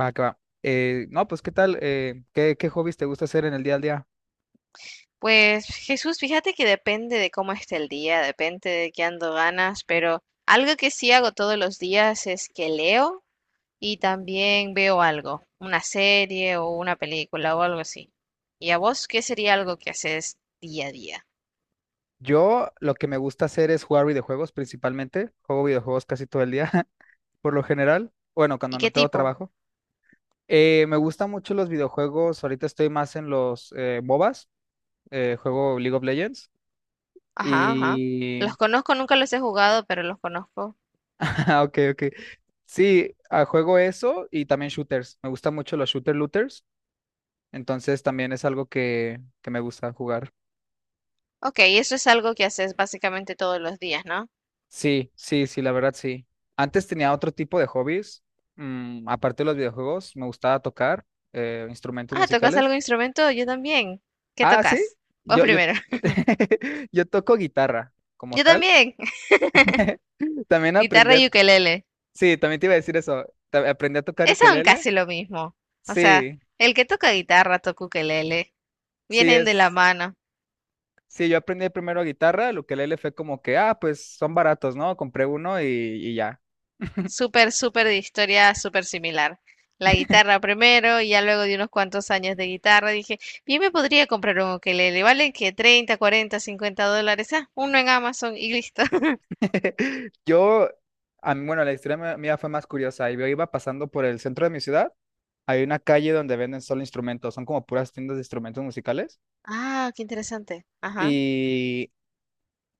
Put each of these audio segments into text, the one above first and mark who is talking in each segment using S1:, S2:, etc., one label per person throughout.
S1: Va, que va. No, pues, ¿qué tal? ¿Qué hobbies te gusta hacer en el día al día?
S2: Pues Jesús, fíjate que depende de cómo esté el día, depende de qué ando ganas, pero algo que sí hago todos los días es que leo y también veo algo, una serie o una película o algo así. ¿Y a vos qué sería algo que haces día a día?
S1: Yo lo que me gusta hacer es jugar videojuegos principalmente. Juego videojuegos casi todo el día, por lo general. Bueno, cuando
S2: ¿Y
S1: no
S2: qué
S1: tengo
S2: tipo?
S1: trabajo. Me gustan mucho los videojuegos. Ahorita estoy más en los MOBAs. Juego League of Legends.
S2: Ajá, ajá.
S1: Y...
S2: Los conozco, nunca los he jugado, pero los conozco.
S1: Ah, ok, ok. Sí, ah, juego eso y también shooters. Me gustan mucho los shooter looters. Entonces también es algo que me gusta jugar.
S2: Ok, eso es algo que haces básicamente todos los días, ¿no?
S1: Sí, sí, sí, la verdad sí. Antes tenía otro tipo de hobbies. Aparte de los videojuegos, me gustaba tocar instrumentos
S2: Ah, ¿tocas
S1: musicales.
S2: algún instrumento? Yo también. ¿Qué
S1: Ah, sí,
S2: tocas? Vos
S1: yo, yo,
S2: primero.
S1: yo toco guitarra como
S2: Yo
S1: tal.
S2: también.
S1: También aprendí
S2: Guitarra
S1: a.
S2: y ukelele.
S1: Sí, también te iba a decir eso. Aprendí a tocar
S2: Es aún
S1: ukelele.
S2: casi lo mismo. O sea,
S1: Sí,
S2: el que toca guitarra toca ukelele.
S1: sí
S2: Vienen de la
S1: es...
S2: mano.
S1: Sí, yo aprendí primero guitarra. El ukelele fue como que, ah, pues son baratos, ¿no? Compré uno y ya.
S2: Súper, súper de historia, súper similar. La guitarra primero y ya luego de unos cuantos años de guitarra dije, bien me podría comprar un ukelele. ¿Vale que $30 $40 $50? Ah, uno en Amazon y listo.
S1: Yo, a mí, bueno, la historia mía mía fue más curiosa. Yo iba pasando por el centro de mi ciudad. Hay una calle donde venden solo instrumentos, son como puras tiendas de instrumentos musicales.
S2: Ah, qué interesante. Ajá.
S1: Y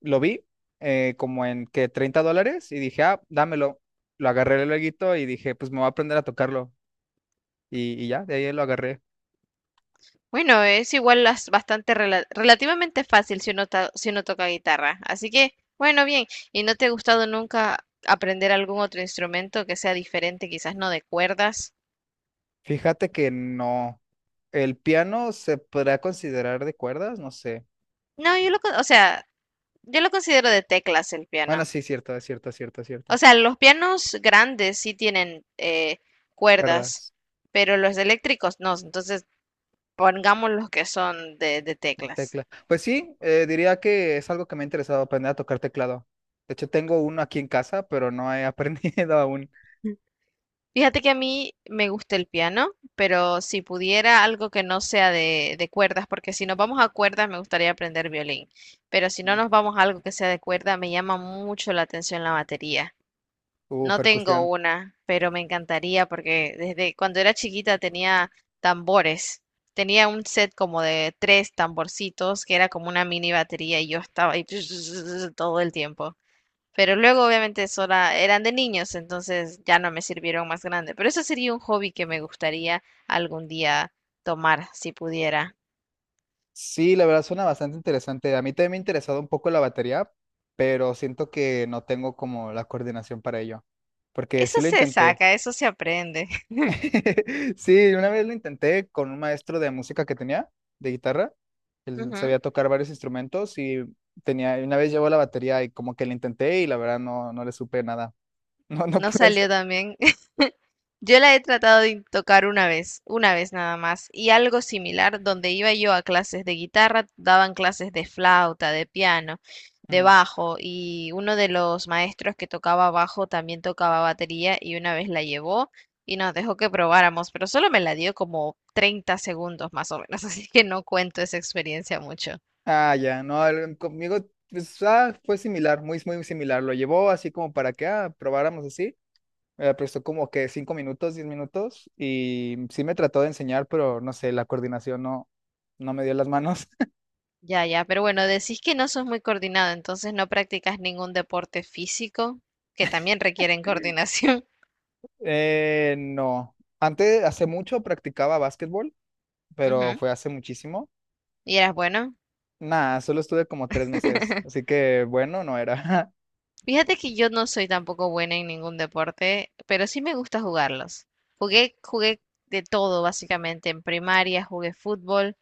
S1: lo vi como en que $30 y dije, ah, dámelo. Lo agarré luego y dije, pues me voy a aprender a tocarlo. Y ya, de ahí lo agarré.
S2: Bueno, es igual bastante relativamente fácil si uno, si uno toca guitarra. Así que, bueno, bien. ¿Y no te ha gustado nunca aprender algún otro instrumento que sea diferente, quizás no de cuerdas?
S1: Fíjate que no. El piano se podrá considerar de cuerdas, no sé.
S2: No, yo lo, o sea, yo lo considero de teclas el
S1: Bueno,
S2: piano.
S1: sí, cierto, es cierto, es cierto, es
S2: O
S1: cierto.
S2: sea, los pianos grandes sí tienen cuerdas,
S1: Cuerdas.
S2: pero los eléctricos no. Entonces, pongamos los que son de teclas.
S1: Tecla. Pues sí, diría que es algo que me ha interesado aprender a tocar teclado. De hecho, tengo uno aquí en casa, pero no he aprendido aún
S2: Fíjate que a mí me gusta el piano, pero si pudiera algo que no sea de cuerdas, porque si nos vamos a cuerdas me gustaría aprender violín, pero si no nos vamos a algo que sea de cuerda, me llama mucho la atención la batería.
S1: su
S2: No tengo
S1: percusión.
S2: una, pero me encantaría porque desde cuando era chiquita tenía tambores. Tenía un set como de tres tamborcitos que era como una mini batería y yo estaba ahí todo el tiempo. Pero luego, obviamente, sola, eran de niños, entonces ya no me sirvieron más grande. Pero eso sería un hobby que me gustaría algún día tomar, si pudiera.
S1: Sí, la verdad suena bastante interesante. A mí también me ha interesado un poco la batería, pero siento que no tengo como la coordinación para ello, porque sí
S2: Eso
S1: lo
S2: se
S1: intenté.
S2: saca, eso se aprende.
S1: Sí, una vez lo intenté con un maestro de música que tenía, de guitarra. Él
S2: Ujú.
S1: sabía tocar varios instrumentos y tenía, una vez llevó la batería y como que la intenté y la verdad no, no le supe nada. No, no
S2: No
S1: pude hacer.
S2: salió también. Yo la he tratado de tocar una vez nada más, y algo similar, donde iba yo a clases de guitarra, daban clases de flauta, de piano, de
S1: Mm.
S2: bajo, y uno de los maestros que tocaba bajo también tocaba batería y una vez la llevó y nos dejó que probáramos, pero solo me la dio como 30 segundos más o menos, así que no cuento esa experiencia mucho.
S1: Ah, ya, no, conmigo pues, ah, fue similar, muy, muy similar. Lo llevó así como para que probáramos así. Me prestó como que 5 minutos, 10 minutos y sí me trató de enseñar, pero no sé, la coordinación no, no me dio las manos.
S2: Ya, ya, pero bueno, decís que no sos muy coordinado, entonces no practicas ningún deporte físico, que también requieren coordinación.
S1: No, antes, hace mucho practicaba básquetbol, pero
S2: Ujú.
S1: fue hace muchísimo.
S2: Y eras bueno.
S1: Nada, solo estuve como 3 meses, así que bueno, no era.
S2: Fíjate que yo no soy tampoco buena en ningún deporte, pero sí me gusta jugarlos. Jugué de todo, básicamente. En primaria jugué fútbol,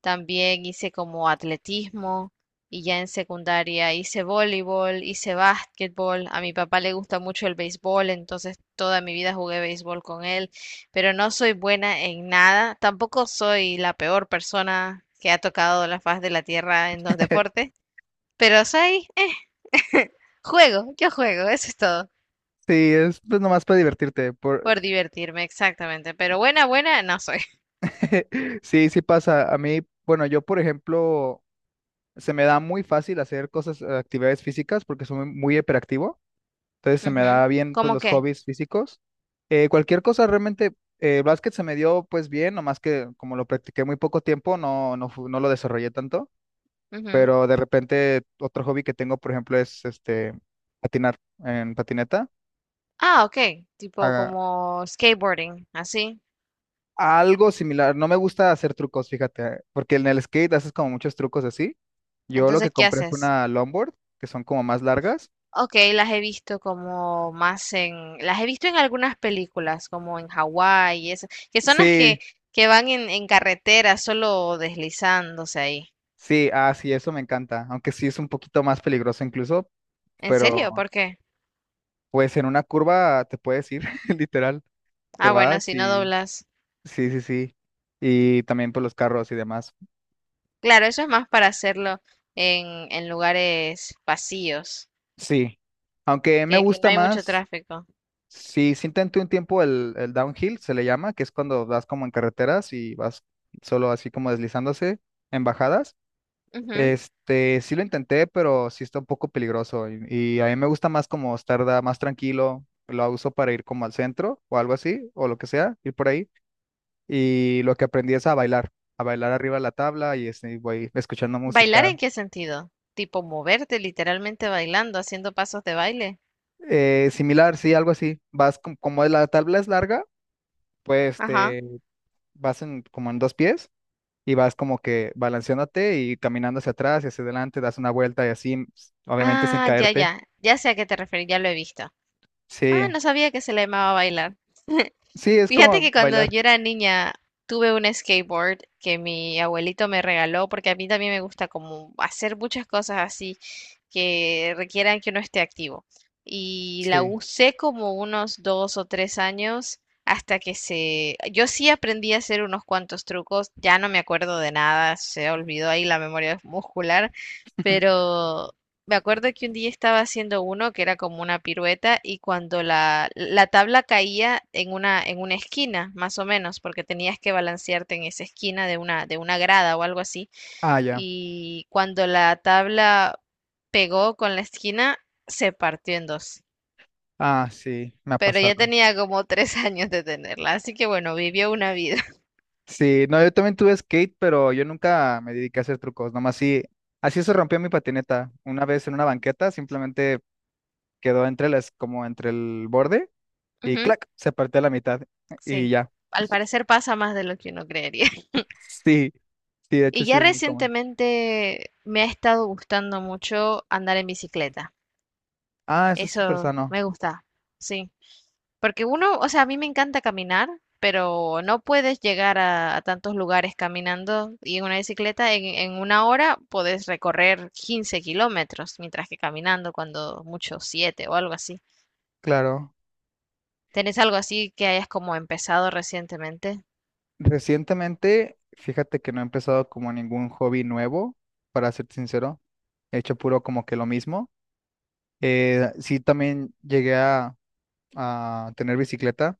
S2: también hice como atletismo y ya en secundaria hice voleibol, hice básquetbol. A mi papá le gusta mucho el béisbol, entonces toda mi vida jugué béisbol con él, pero no soy buena en nada. Tampoco soy la peor persona que ha tocado la faz de la tierra en los deportes, pero soy... Juego, yo juego, eso es todo.
S1: Sí, es pues nomás para divertirte.
S2: Por divertirme, exactamente. Pero buena, buena, no soy.
S1: Sí, sí pasa. A mí, bueno, yo por ejemplo, se me da muy fácil hacer cosas, actividades físicas porque soy muy hiperactivo. Entonces se me
S2: Ujú.
S1: da bien pues
S2: ¿Cómo
S1: los
S2: qué?
S1: hobbies físicos. Cualquier cosa realmente, el básquet se me dio pues bien, nomás que como lo practiqué muy poco tiempo, no lo desarrollé tanto.
S2: Ujú.
S1: Pero de repente otro hobby que tengo, por ejemplo, es este patinar en patineta.
S2: Ah, ok. Tipo
S1: Ah,
S2: como skateboarding, así.
S1: algo similar. No me gusta hacer trucos, fíjate, porque en el skate haces como muchos trucos así. Yo lo que
S2: Entonces, ¿qué
S1: compré fue
S2: haces?
S1: una longboard, que son como más largas.
S2: Ok, las he visto como más en... Las he visto en algunas películas, como en Hawái y eso. Que son las
S1: Sí,
S2: que van en carretera, solo deslizándose ahí.
S1: sí, ah, sí, eso me encanta. Aunque sí es un poquito más peligroso incluso,
S2: ¿En serio?
S1: pero
S2: ¿Por qué?
S1: pues en una curva te puedes ir, literal. Te
S2: Ah, bueno,
S1: vas
S2: si no
S1: y
S2: doblas.
S1: sí, sí, sí. Y también por los carros y demás.
S2: Claro, eso es más para hacerlo en lugares vacíos,
S1: Sí. Aunque me
S2: que no
S1: gusta
S2: hay mucho
S1: más.
S2: tráfico.
S1: Sí, sí intenté un tiempo el downhill, se le llama, que es cuando vas como en carreteras y vas solo así como deslizándose en bajadas.
S2: Ujú.
S1: Este, sí lo intenté, pero sí está un poco peligroso y a mí me gusta más como estar más tranquilo, lo uso para ir como al centro o algo así, o lo que sea, ir por ahí. Y lo que aprendí es a bailar arriba de la tabla y este, voy escuchando música.
S2: ¿Bailar en qué sentido? Tipo moverte literalmente bailando, haciendo pasos de baile.
S1: Similar, sí, algo así. Vas como la tabla es larga, pues
S2: Ajá.
S1: te vas en, como en dos pies. Y vas como que balanceándote y caminando hacia atrás y hacia adelante, das una vuelta y así, obviamente sin
S2: Ah, ya,
S1: caerte.
S2: ya. Ya sé a qué te referís, ya lo he visto. Ah,
S1: Sí,
S2: no sabía que se le llamaba bailar.
S1: sí, es
S2: Fíjate
S1: como
S2: que cuando
S1: bailar.
S2: yo era niña tuve un skateboard que mi abuelito me regaló porque a mí también me gusta como hacer muchas cosas así que requieran que uno esté activo. Y la
S1: Sí.
S2: usé como unos 2 o 3 años hasta que se... Yo sí aprendí a hacer unos cuantos trucos, ya no me acuerdo de nada, se olvidó ahí la memoria muscular, pero me acuerdo que un día estaba haciendo uno que era como una pirueta y cuando la tabla caía en una esquina, más o menos, porque tenías que balancearte en esa esquina de una grada o algo así,
S1: Ah, ya.
S2: y cuando la tabla pegó con la esquina, se partió en dos.
S1: Ah, sí, me ha
S2: Pero ya
S1: pasado.
S2: tenía como 3 años de tenerla, así que bueno, vivió una vida.
S1: Sí, no, yo también tuve skate, pero yo nunca me dediqué a hacer trucos, nomás sí, así se rompió mi patineta. Una vez en una banqueta, simplemente quedó entre las, como entre el borde y
S2: Ujú,
S1: clac, se partió a la mitad y
S2: sí,
S1: ya.
S2: al parecer pasa más de lo que uno creería.
S1: Sí, sí, de hecho
S2: Y
S1: sí
S2: ya
S1: es muy común.
S2: recientemente me ha estado gustando mucho andar en bicicleta.
S1: Ah, eso es súper
S2: Eso
S1: sano,
S2: me gusta, sí. Porque uno, o sea, a mí me encanta caminar, pero no puedes llegar a tantos lugares caminando y en una bicicleta en una hora puedes recorrer 15 kilómetros, mientras que caminando cuando mucho 7 o algo así.
S1: claro.
S2: ¿Tenés algo así que hayas como empezado recientemente?
S1: Recientemente, fíjate que no he empezado como ningún hobby nuevo, para ser sincero. He hecho puro como que lo mismo. Sí, también llegué a tener bicicleta,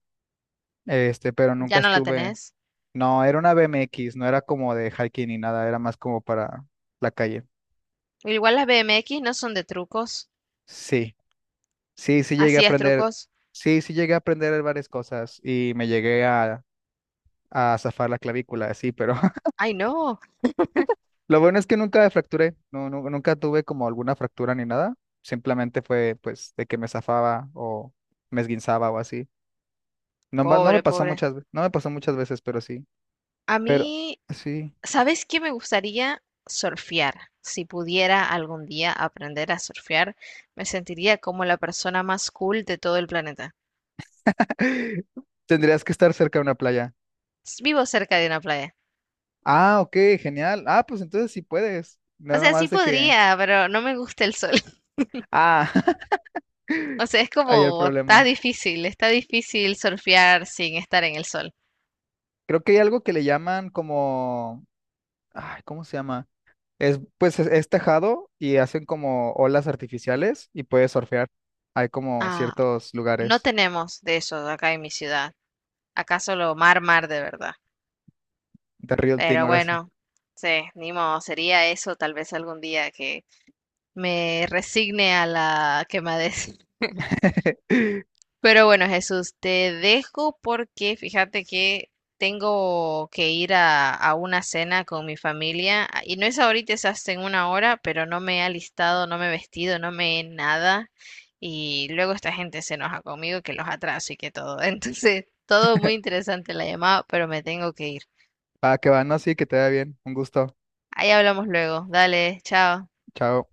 S1: este, pero nunca
S2: Ya no la
S1: estuve.
S2: tenés.
S1: No, era una BMX, no era como de hiking ni nada, era más como para la calle.
S2: Igual las BMX no son de trucos.
S1: Sí, sí, sí llegué a
S2: Así es,
S1: aprender.
S2: trucos.
S1: Sí, sí llegué a aprender varias cosas y me llegué a zafar la clavícula, sí, pero.
S2: Ay, no.
S1: Lo bueno es que nunca fracturé, nunca tuve como alguna fractura ni nada. Simplemente fue pues de que me zafaba o me esguinzaba o así. No, no me
S2: Pobre,
S1: pasó
S2: pobre.
S1: muchas, no me pasó muchas veces, pero sí.
S2: A
S1: Pero
S2: mí,
S1: sí.
S2: ¿sabes qué me gustaría? Surfear. Si pudiera algún día aprender a surfear, me sentiría como la persona más cool de todo el planeta.
S1: Tendrías que estar cerca de una playa.
S2: Vivo cerca de una playa.
S1: Ah, ok, genial. Ah, pues entonces sí puedes. No
S2: O
S1: nada
S2: sea, sí
S1: más de que.
S2: podría, pero no me gusta el sol.
S1: Ah,
S2: O sea, es
S1: ahí el
S2: como,
S1: problema.
S2: está difícil surfear sin estar en el sol.
S1: Creo que hay algo que le llaman como. Ay, ¿cómo se llama? Pues es tejado y hacen como olas artificiales y puedes surfear. Hay como
S2: Ah,
S1: ciertos
S2: no
S1: lugares
S2: tenemos de eso acá en mi ciudad. Acá solo mar, mar de verdad.
S1: de real thing
S2: Pero
S1: ahora sí.
S2: bueno, sí, ni modo, sería eso tal vez algún día que me resigne a la quemadez. Pero bueno, Jesús, te dejo porque fíjate que tengo que ir a una cena con mi familia y no es ahorita, es hasta en una hora, pero no me he alistado, no me he vestido, no me he nada y luego esta gente se enoja conmigo que los atraso y que todo. Entonces, todo muy interesante la llamada, pero me tengo que ir.
S1: Ah, que va, no, sí, que te vaya bien. Un gusto.
S2: Ahí hablamos luego. Dale, chao.
S1: Chao.